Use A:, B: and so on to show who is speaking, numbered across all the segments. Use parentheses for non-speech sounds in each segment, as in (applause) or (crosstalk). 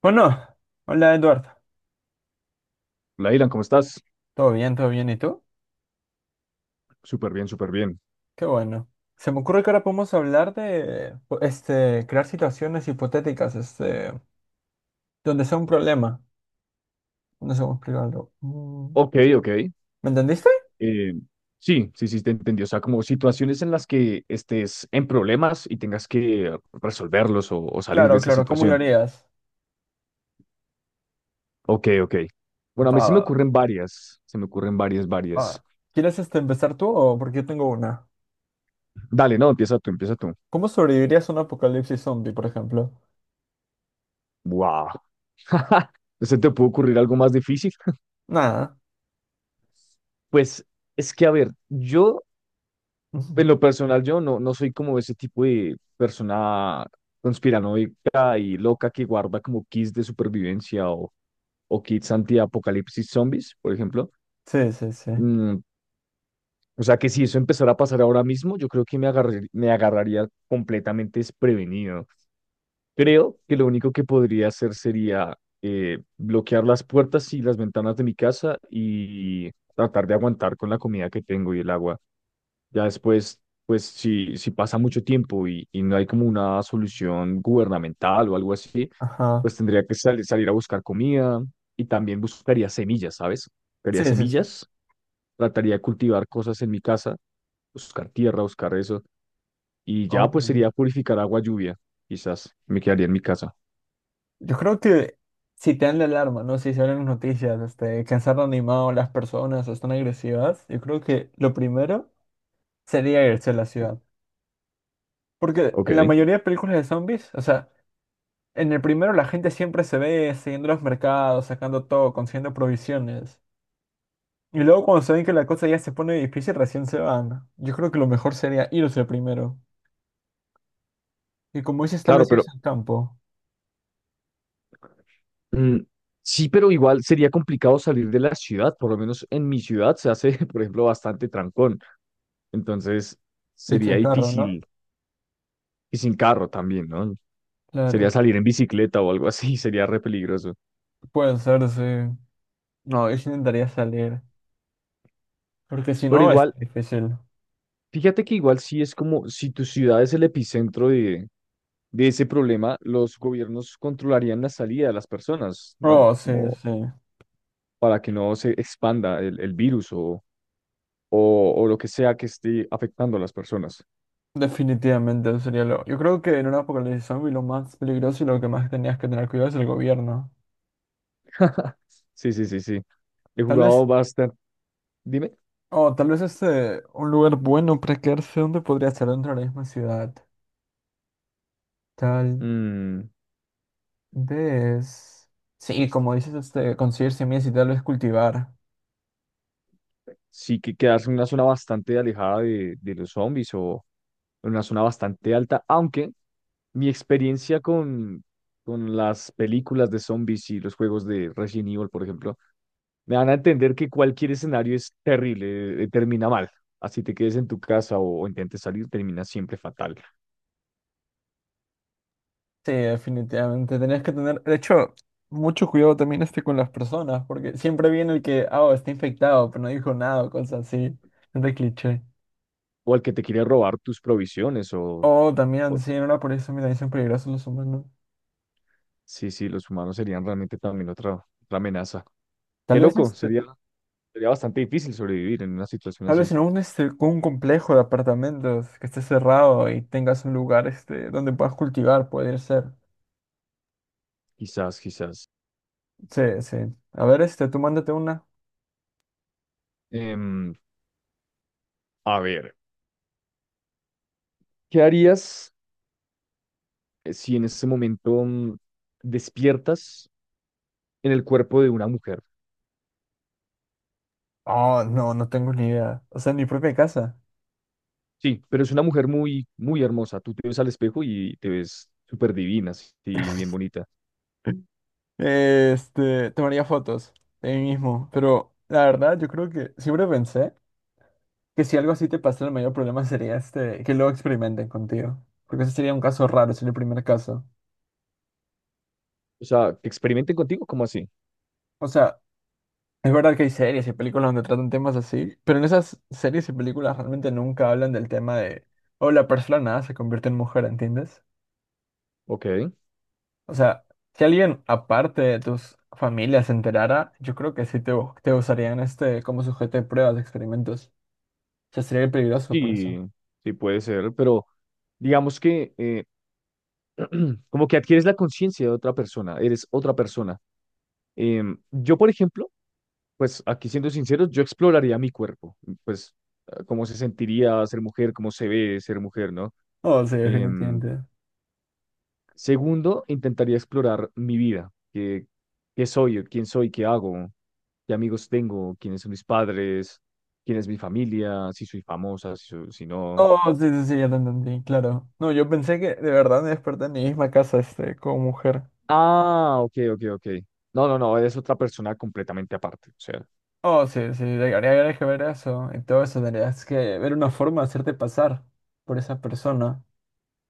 A: Bueno, hola Eduardo.
B: Lailan, ¿cómo estás?
A: ¿Todo bien? ¿Todo bien? ¿Y tú?
B: Súper bien, súper bien.
A: Qué bueno. Se me ocurre que ahora podemos hablar de crear situaciones hipotéticas, donde sea un problema. No sé cómo explicarlo. Mm,
B: Ok, ok.
A: ¿Me entendiste?
B: Eh, sí, sí, sí, te entendí. O sea, como situaciones en las que estés en problemas y tengas que resolverlos o salir de
A: Claro,
B: esa
A: claro, ¿cómo lo
B: situación.
A: harías?
B: Ok, ok. Bueno, a mí
A: Va,
B: se me ocurren varias. Se me ocurren varias, varias.
A: va. ¿Quieres empezar tú o porque yo tengo una?
B: Dale, no, empieza tú, empieza tú.
A: ¿Cómo sobrevivirías a un apocalipsis zombie, por ejemplo?
B: Wow. (laughs) ¿Se te puede ocurrir algo más difícil?
A: Nada.
B: Pues es que, a ver, yo.
A: (laughs) Ujú.
B: En lo personal, yo no soy como ese tipo de persona conspiranoica y loca que guarda como kits de supervivencia o kits anti-apocalipsis zombies, por ejemplo.
A: Sí, sí, sí.
B: Mm, o sea que si eso empezara a pasar ahora mismo, yo creo que me agarraría completamente desprevenido. Creo que lo único que podría hacer sería bloquear las puertas y las ventanas de mi casa y tratar de aguantar con la comida que tengo y el agua. Ya después, pues si pasa mucho tiempo y no hay como una solución gubernamental o algo así,
A: Ajá.
B: pues tendría que salir a buscar comida y también buscaría semillas, ¿sabes? Buscaría
A: Sí, sí, sí.
B: semillas, trataría de cultivar cosas en mi casa, buscar tierra, buscar eso, y ya
A: Oh,
B: pues
A: no.
B: sería purificar agua lluvia, quizás me quedaría en mi casa.
A: Yo creo que si te dan la alarma, ¿no? Si salen noticias, que han animado las personas o están agresivas, yo creo que lo primero sería irse a la ciudad. Porque
B: Ok,
A: en la mayoría de películas de zombies, o sea, en el primero la gente siempre se ve siguiendo los mercados, sacando todo, consiguiendo provisiones. Y luego cuando se ven que la cosa ya se pone difícil, recién se van. Yo creo que lo mejor sería irse primero. Y como dices, tal
B: claro,
A: vez
B: pero
A: irse al campo,
B: mm, sí, pero igual sería complicado salir de la ciudad. Por lo menos en mi ciudad se hace, (laughs) por ejemplo, bastante trancón, entonces
A: irse
B: sería
A: en carro, ¿no?
B: difícil. Y sin carro también, ¿no? Sería
A: Claro.
B: salir en bicicleta o algo así, (laughs) sería re peligroso.
A: Puede ser, sí. No, yo sí intentaría salir. Porque si
B: Pero
A: no, es
B: igual,
A: difícil.
B: fíjate que igual sí es como si tu ciudad es el epicentro de ese problema, los gobiernos controlarían la salida de las personas, ¿no?
A: Oh, sí,
B: Como
A: sí.
B: para que no se expanda el virus o lo que sea que esté afectando a las personas.
A: Definitivamente sería lo. Yo creo que en una apocalipsis zombie lo más peligroso y lo que más tenías que tener cuidado es el gobierno.
B: Sí, sí, sí, sí. He
A: Tal vez.
B: jugado bastante. Dime.
A: Oh, tal vez Un lugar bueno para quedarse donde podría ser dentro de la misma ciudad. Tal
B: Mm,
A: vez. Sí, como dices, conseguir semillas y tal vez cultivar.
B: sí, que quedarse en una zona bastante alejada de los zombies o en una zona bastante alta, aunque mi experiencia con las películas de zombies y los juegos de Resident Evil, por ejemplo, me van a entender que cualquier escenario es terrible, termina mal. Así te quedes en tu casa o intentes salir, termina siempre fatal.
A: Sí, definitivamente. Tenías que tener. De hecho, mucho cuidado también con las personas, porque siempre viene el que, ah, oh, está infectado, pero no dijo nada o cosas así. Es de cliché.
B: O al que te quiere robar tus provisiones
A: Oh, también,
B: o-
A: sí, ahora por eso, mira, dicen peligrosos los humanos.
B: sí, sí, los humanos serían realmente también otra, otra amenaza.
A: Tal
B: Qué
A: vez
B: loco,
A: este,
B: sería. Sería bastante difícil sobrevivir en una situación
A: tal vez
B: así.
A: en un, un complejo de apartamentos que esté cerrado y tengas un lugar donde puedas cultivar, puede ser.
B: Quizás, quizás.
A: Sí, sí. A ver, tú mándate una.
B: Em, a ver, ¿qué harías si en este momento despiertas en el cuerpo de una mujer?
A: Oh, no, no tengo ni idea. O sea, en mi propia casa.
B: Sí, pero es una mujer muy, muy hermosa. Tú te ves al espejo y te ves súper divina, así, bien bonita.
A: (laughs) Tomaría fotos de mí mismo. Pero la verdad, yo creo que siempre pensé que si algo así te pasa, el mayor problema sería que luego experimenten contigo. Porque ese sería un caso raro, sería el primer caso.
B: O sea, que experimenten contigo, ¿cómo así?
A: O sea, es verdad que hay series y películas donde tratan temas así, pero en esas series y películas realmente nunca hablan del tema de, oh, la persona se convierte en mujer, ¿entiendes?
B: Ok,
A: O sea, si alguien aparte de tus familias se enterara, yo creo que sí te, te usarían como sujeto de pruebas, de experimentos. O sea, sería peligroso por eso.
B: sí, sí puede ser, pero digamos que (clears throat) como que adquieres la conciencia de otra persona, eres otra persona. Yo, por ejemplo. Pues aquí siendo sinceros, yo exploraría mi cuerpo, pues ah, cómo se sentiría ser mujer, cómo se ve ser mujer, ¿no?
A: Oh, sí,
B: Em,
A: definitivamente.
B: Segundo, intentaría explorar mi vida, qué, qué soy, quién soy, qué hago, qué amigos tengo, quiénes son mis padres, quién es mi familia, si soy famosa, si, si no.
A: Oh, sí, sí, sí, ya te entendí, claro. No, yo pensé que de verdad me desperté en mi misma casa, como mujer.
B: Ah, ok, ok, ok. No, no, no, eres otra persona completamente aparte, o sea,
A: Oh, sí, sí, habría que ver eso y todo eso, tendrías que ver una forma de hacerte pasar por esa persona.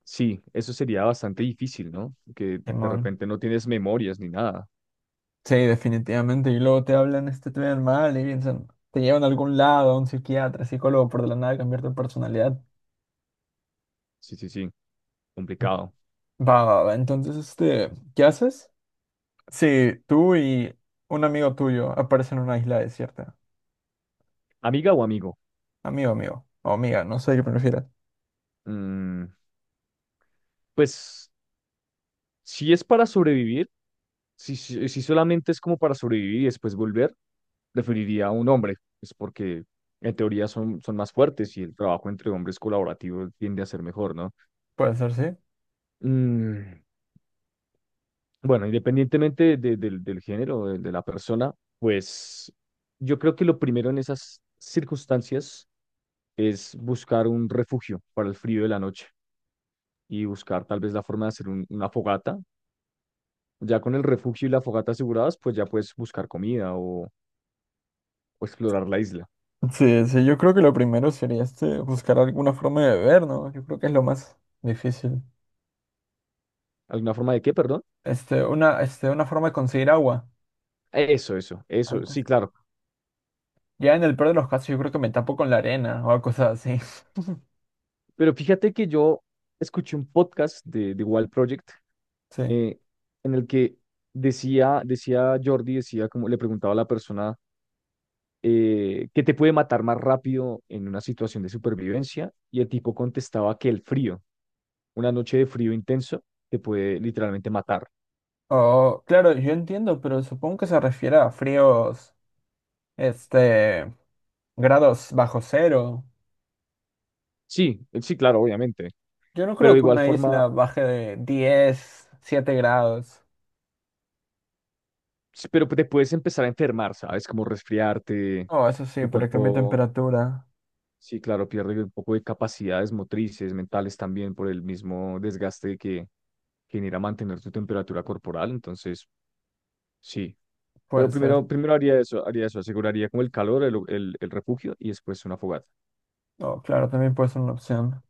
B: sí, eso sería bastante difícil, ¿no? Que de
A: Simón.
B: repente no tienes memorias ni nada.
A: Sí, definitivamente, y luego te hablan te ven mal y piensan, te llevan a algún lado, a un psiquiatra, psicólogo, por de la nada cambiar tu personalidad.
B: Sí, sí, sí, complicado.
A: Va, va, va, entonces, ¿qué haces? Sí tú y un amigo tuyo aparecen en una isla desierta,
B: Amiga o amigo,
A: amigo, amigo, o amiga, no sé qué prefieras.
B: mm, pues si es para sobrevivir, si solamente es como para sobrevivir y después volver, preferiría a un hombre, es porque en teoría son, son más fuertes y el trabajo entre hombres colaborativo tiende a ser mejor, ¿no?
A: Puede ser, sí.
B: Mm, bueno, independientemente del género, de la persona, pues yo creo que lo primero en esas circunstancias es buscar un refugio para el frío de la noche y buscar tal vez la forma de hacer una fogata. Ya con el refugio y la fogata aseguradas, pues ya puedes buscar comida o explorar la isla.
A: Sí, sí, yo creo que lo primero sería buscar alguna forma de beber, ¿no? Yo creo que es lo más difícil.
B: ¿Alguna forma de qué, perdón?
A: Una forma de conseguir agua.
B: Eso,
A: Antes.
B: sí, claro.
A: Ya en el peor de los casos, yo creo que me tapo con la arena o cosas así. (laughs)
B: Pero fíjate que yo escuché un podcast de Wild Project
A: Sí.
B: eh, en el que decía, decía Jordi, decía como le preguntaba a la persona qué te puede matar más rápido en una situación de supervivencia y el tipo contestaba que el frío, una noche de frío intenso, te puede literalmente matar.
A: O, claro, yo entiendo, pero supongo que se refiere a fríos, este, grados bajo cero.
B: Sí, sí, claro, obviamente.
A: Yo no
B: Pero
A: creo
B: de
A: que
B: igual
A: una
B: forma,
A: isla baje de 10, 7 grados.
B: sí, pero te puedes empezar a enfermar, ¿sabes? Como resfriarte,
A: Oh, eso sí,
B: tu
A: pero que mi
B: cuerpo,
A: temperatura
B: sí, claro, pierde un poco de capacidades motrices, mentales también por el mismo desgaste que genera mantener tu temperatura corporal, entonces, sí.
A: puede
B: Pero
A: ser.
B: primero, primero haría eso, aseguraría como el calor, el refugio y después una fogata.
A: Oh, claro, también puede ser una opción.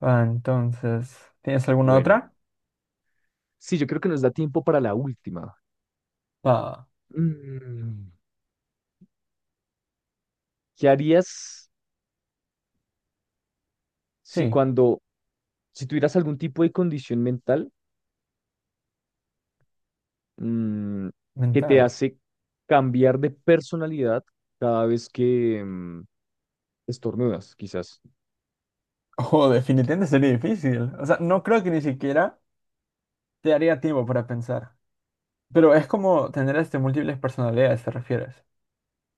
A: Ah, entonces, ¿tienes alguna
B: Bueno,
A: otra?
B: sí, yo creo que nos da tiempo para la última.
A: Ah,
B: Mm, ¿Qué harías si
A: sí,
B: cuando, si tuvieras algún tipo de condición mental? mm, que te
A: mental.
B: hace cambiar de personalidad cada vez que estornudas, quizás.
A: Oh, definitivamente sería difícil. O sea, no creo que ni siquiera te daría tiempo para pensar. Pero es como tener múltiples personalidades, ¿te refieres?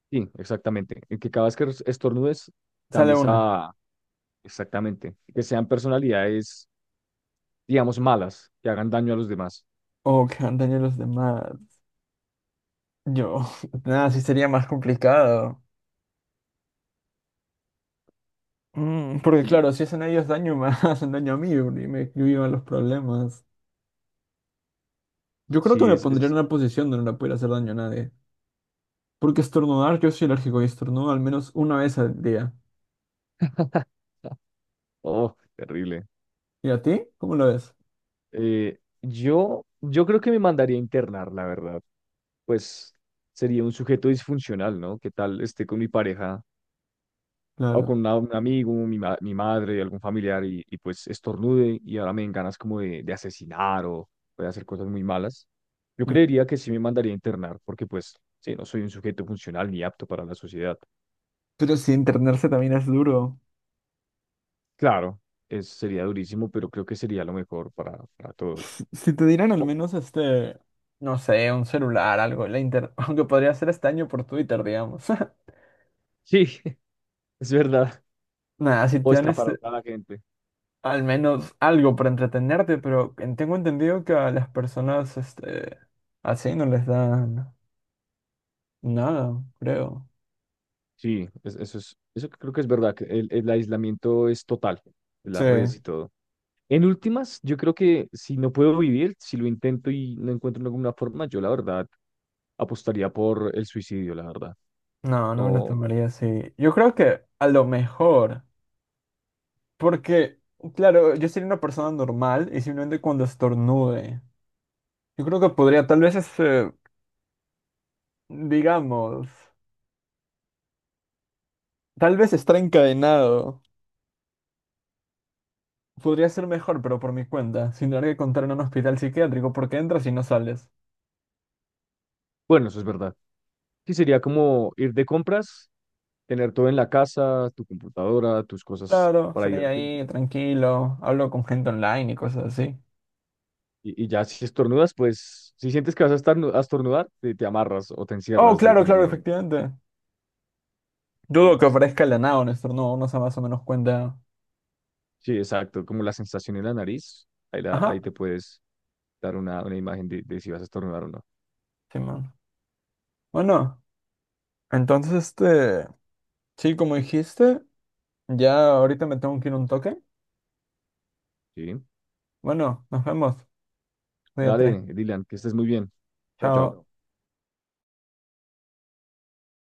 B: Sí, exactamente. En que cada vez que estornudes,
A: Sale
B: cambies
A: una.
B: a... Exactamente. Que sean personalidades, digamos, malas, que hagan daño a los demás.
A: Oh, que han tenido los demás. Yo, (laughs) nada, sí sería más complicado. Mm, porque
B: Sí.
A: claro, si hacen a ellos daño, me (laughs) hacen daño a mí y me yo los problemas. Yo creo que
B: Sí,
A: me
B: es
A: pondría en
B: así.
A: una posición donde no le pudiera hacer daño a nadie. Porque estornudar, yo soy alérgico y estornudo al menos una vez al día.
B: (laughs) Oh, terrible.
A: ¿Y a ti? ¿Cómo lo ves?
B: Yo, yo creo que me mandaría a internar, la verdad. Pues sería un sujeto disfuncional, ¿no? ¿Qué tal esté con mi pareja o
A: Claro.
B: con un amigo, mi madre, algún familiar, y pues estornude y ahora me den ganas como de asesinar o de hacer cosas muy malas? Yo
A: Mm.
B: creería que sí me mandaría a internar, porque pues sí, no soy un sujeto funcional ni apto para la sociedad.
A: Pero si internarse también es duro.
B: Claro, es, sería durísimo, pero creo que sería lo mejor para
A: Si
B: todos.
A: si te dieran al
B: O-
A: menos no sé, un celular, algo, la inter... (laughs) aunque podría ser este año por Twitter, digamos. (laughs)
B: sí, (laughs) es verdad.
A: Nada, si
B: O
A: te dan
B: está para la gente.
A: al menos algo para entretenerte, pero tengo entendido que a las personas así no les dan nada, creo.
B: Sí, eso es, eso creo que es verdad, que el aislamiento es total,
A: Sí,
B: las redes y todo. En últimas, yo creo que si no puedo vivir, si lo intento y no encuentro ninguna forma, yo la verdad apostaría por el suicidio, la verdad.
A: no, no me lo
B: No,
A: tomaría así. Yo creo que a lo mejor, porque, claro, yo sería una persona normal y simplemente cuando estornude. Yo creo que podría, tal vez, digamos, tal vez estar encadenado. Podría ser mejor, pero por mi cuenta, sin tener que contar en un hospital psiquiátrico porque entras y no sales.
B: bueno, eso es verdad. Sí, sería como ir de compras, tener todo en la casa, tu computadora, tus cosas
A: Claro,
B: para
A: sería
B: divertirte.
A: ahí, tranquilo, hablo con gente online y cosas así.
B: Y ya si estornudas, pues si sientes que vas a, a estornudar, te amarras o te
A: Oh,
B: encierras
A: claro, claro,
B: definitivamente.
A: efectivamente. Dudo
B: Sí,
A: que aparezca el nada, honesto, no, uno se más o menos cuenta.
B: sí, exacto. Como la sensación en la nariz, ahí,
A: Ajá,
B: ahí te puedes dar una imagen de si vas a estornudar o no.
A: sí, man. Bueno, entonces, sí, como dijiste, ya ahorita me tengo que ir un toque.
B: Sí.
A: Bueno, nos vemos. Cuídate.
B: Dale, Dylan, que estés muy bien. Chao, chao.
A: Chao.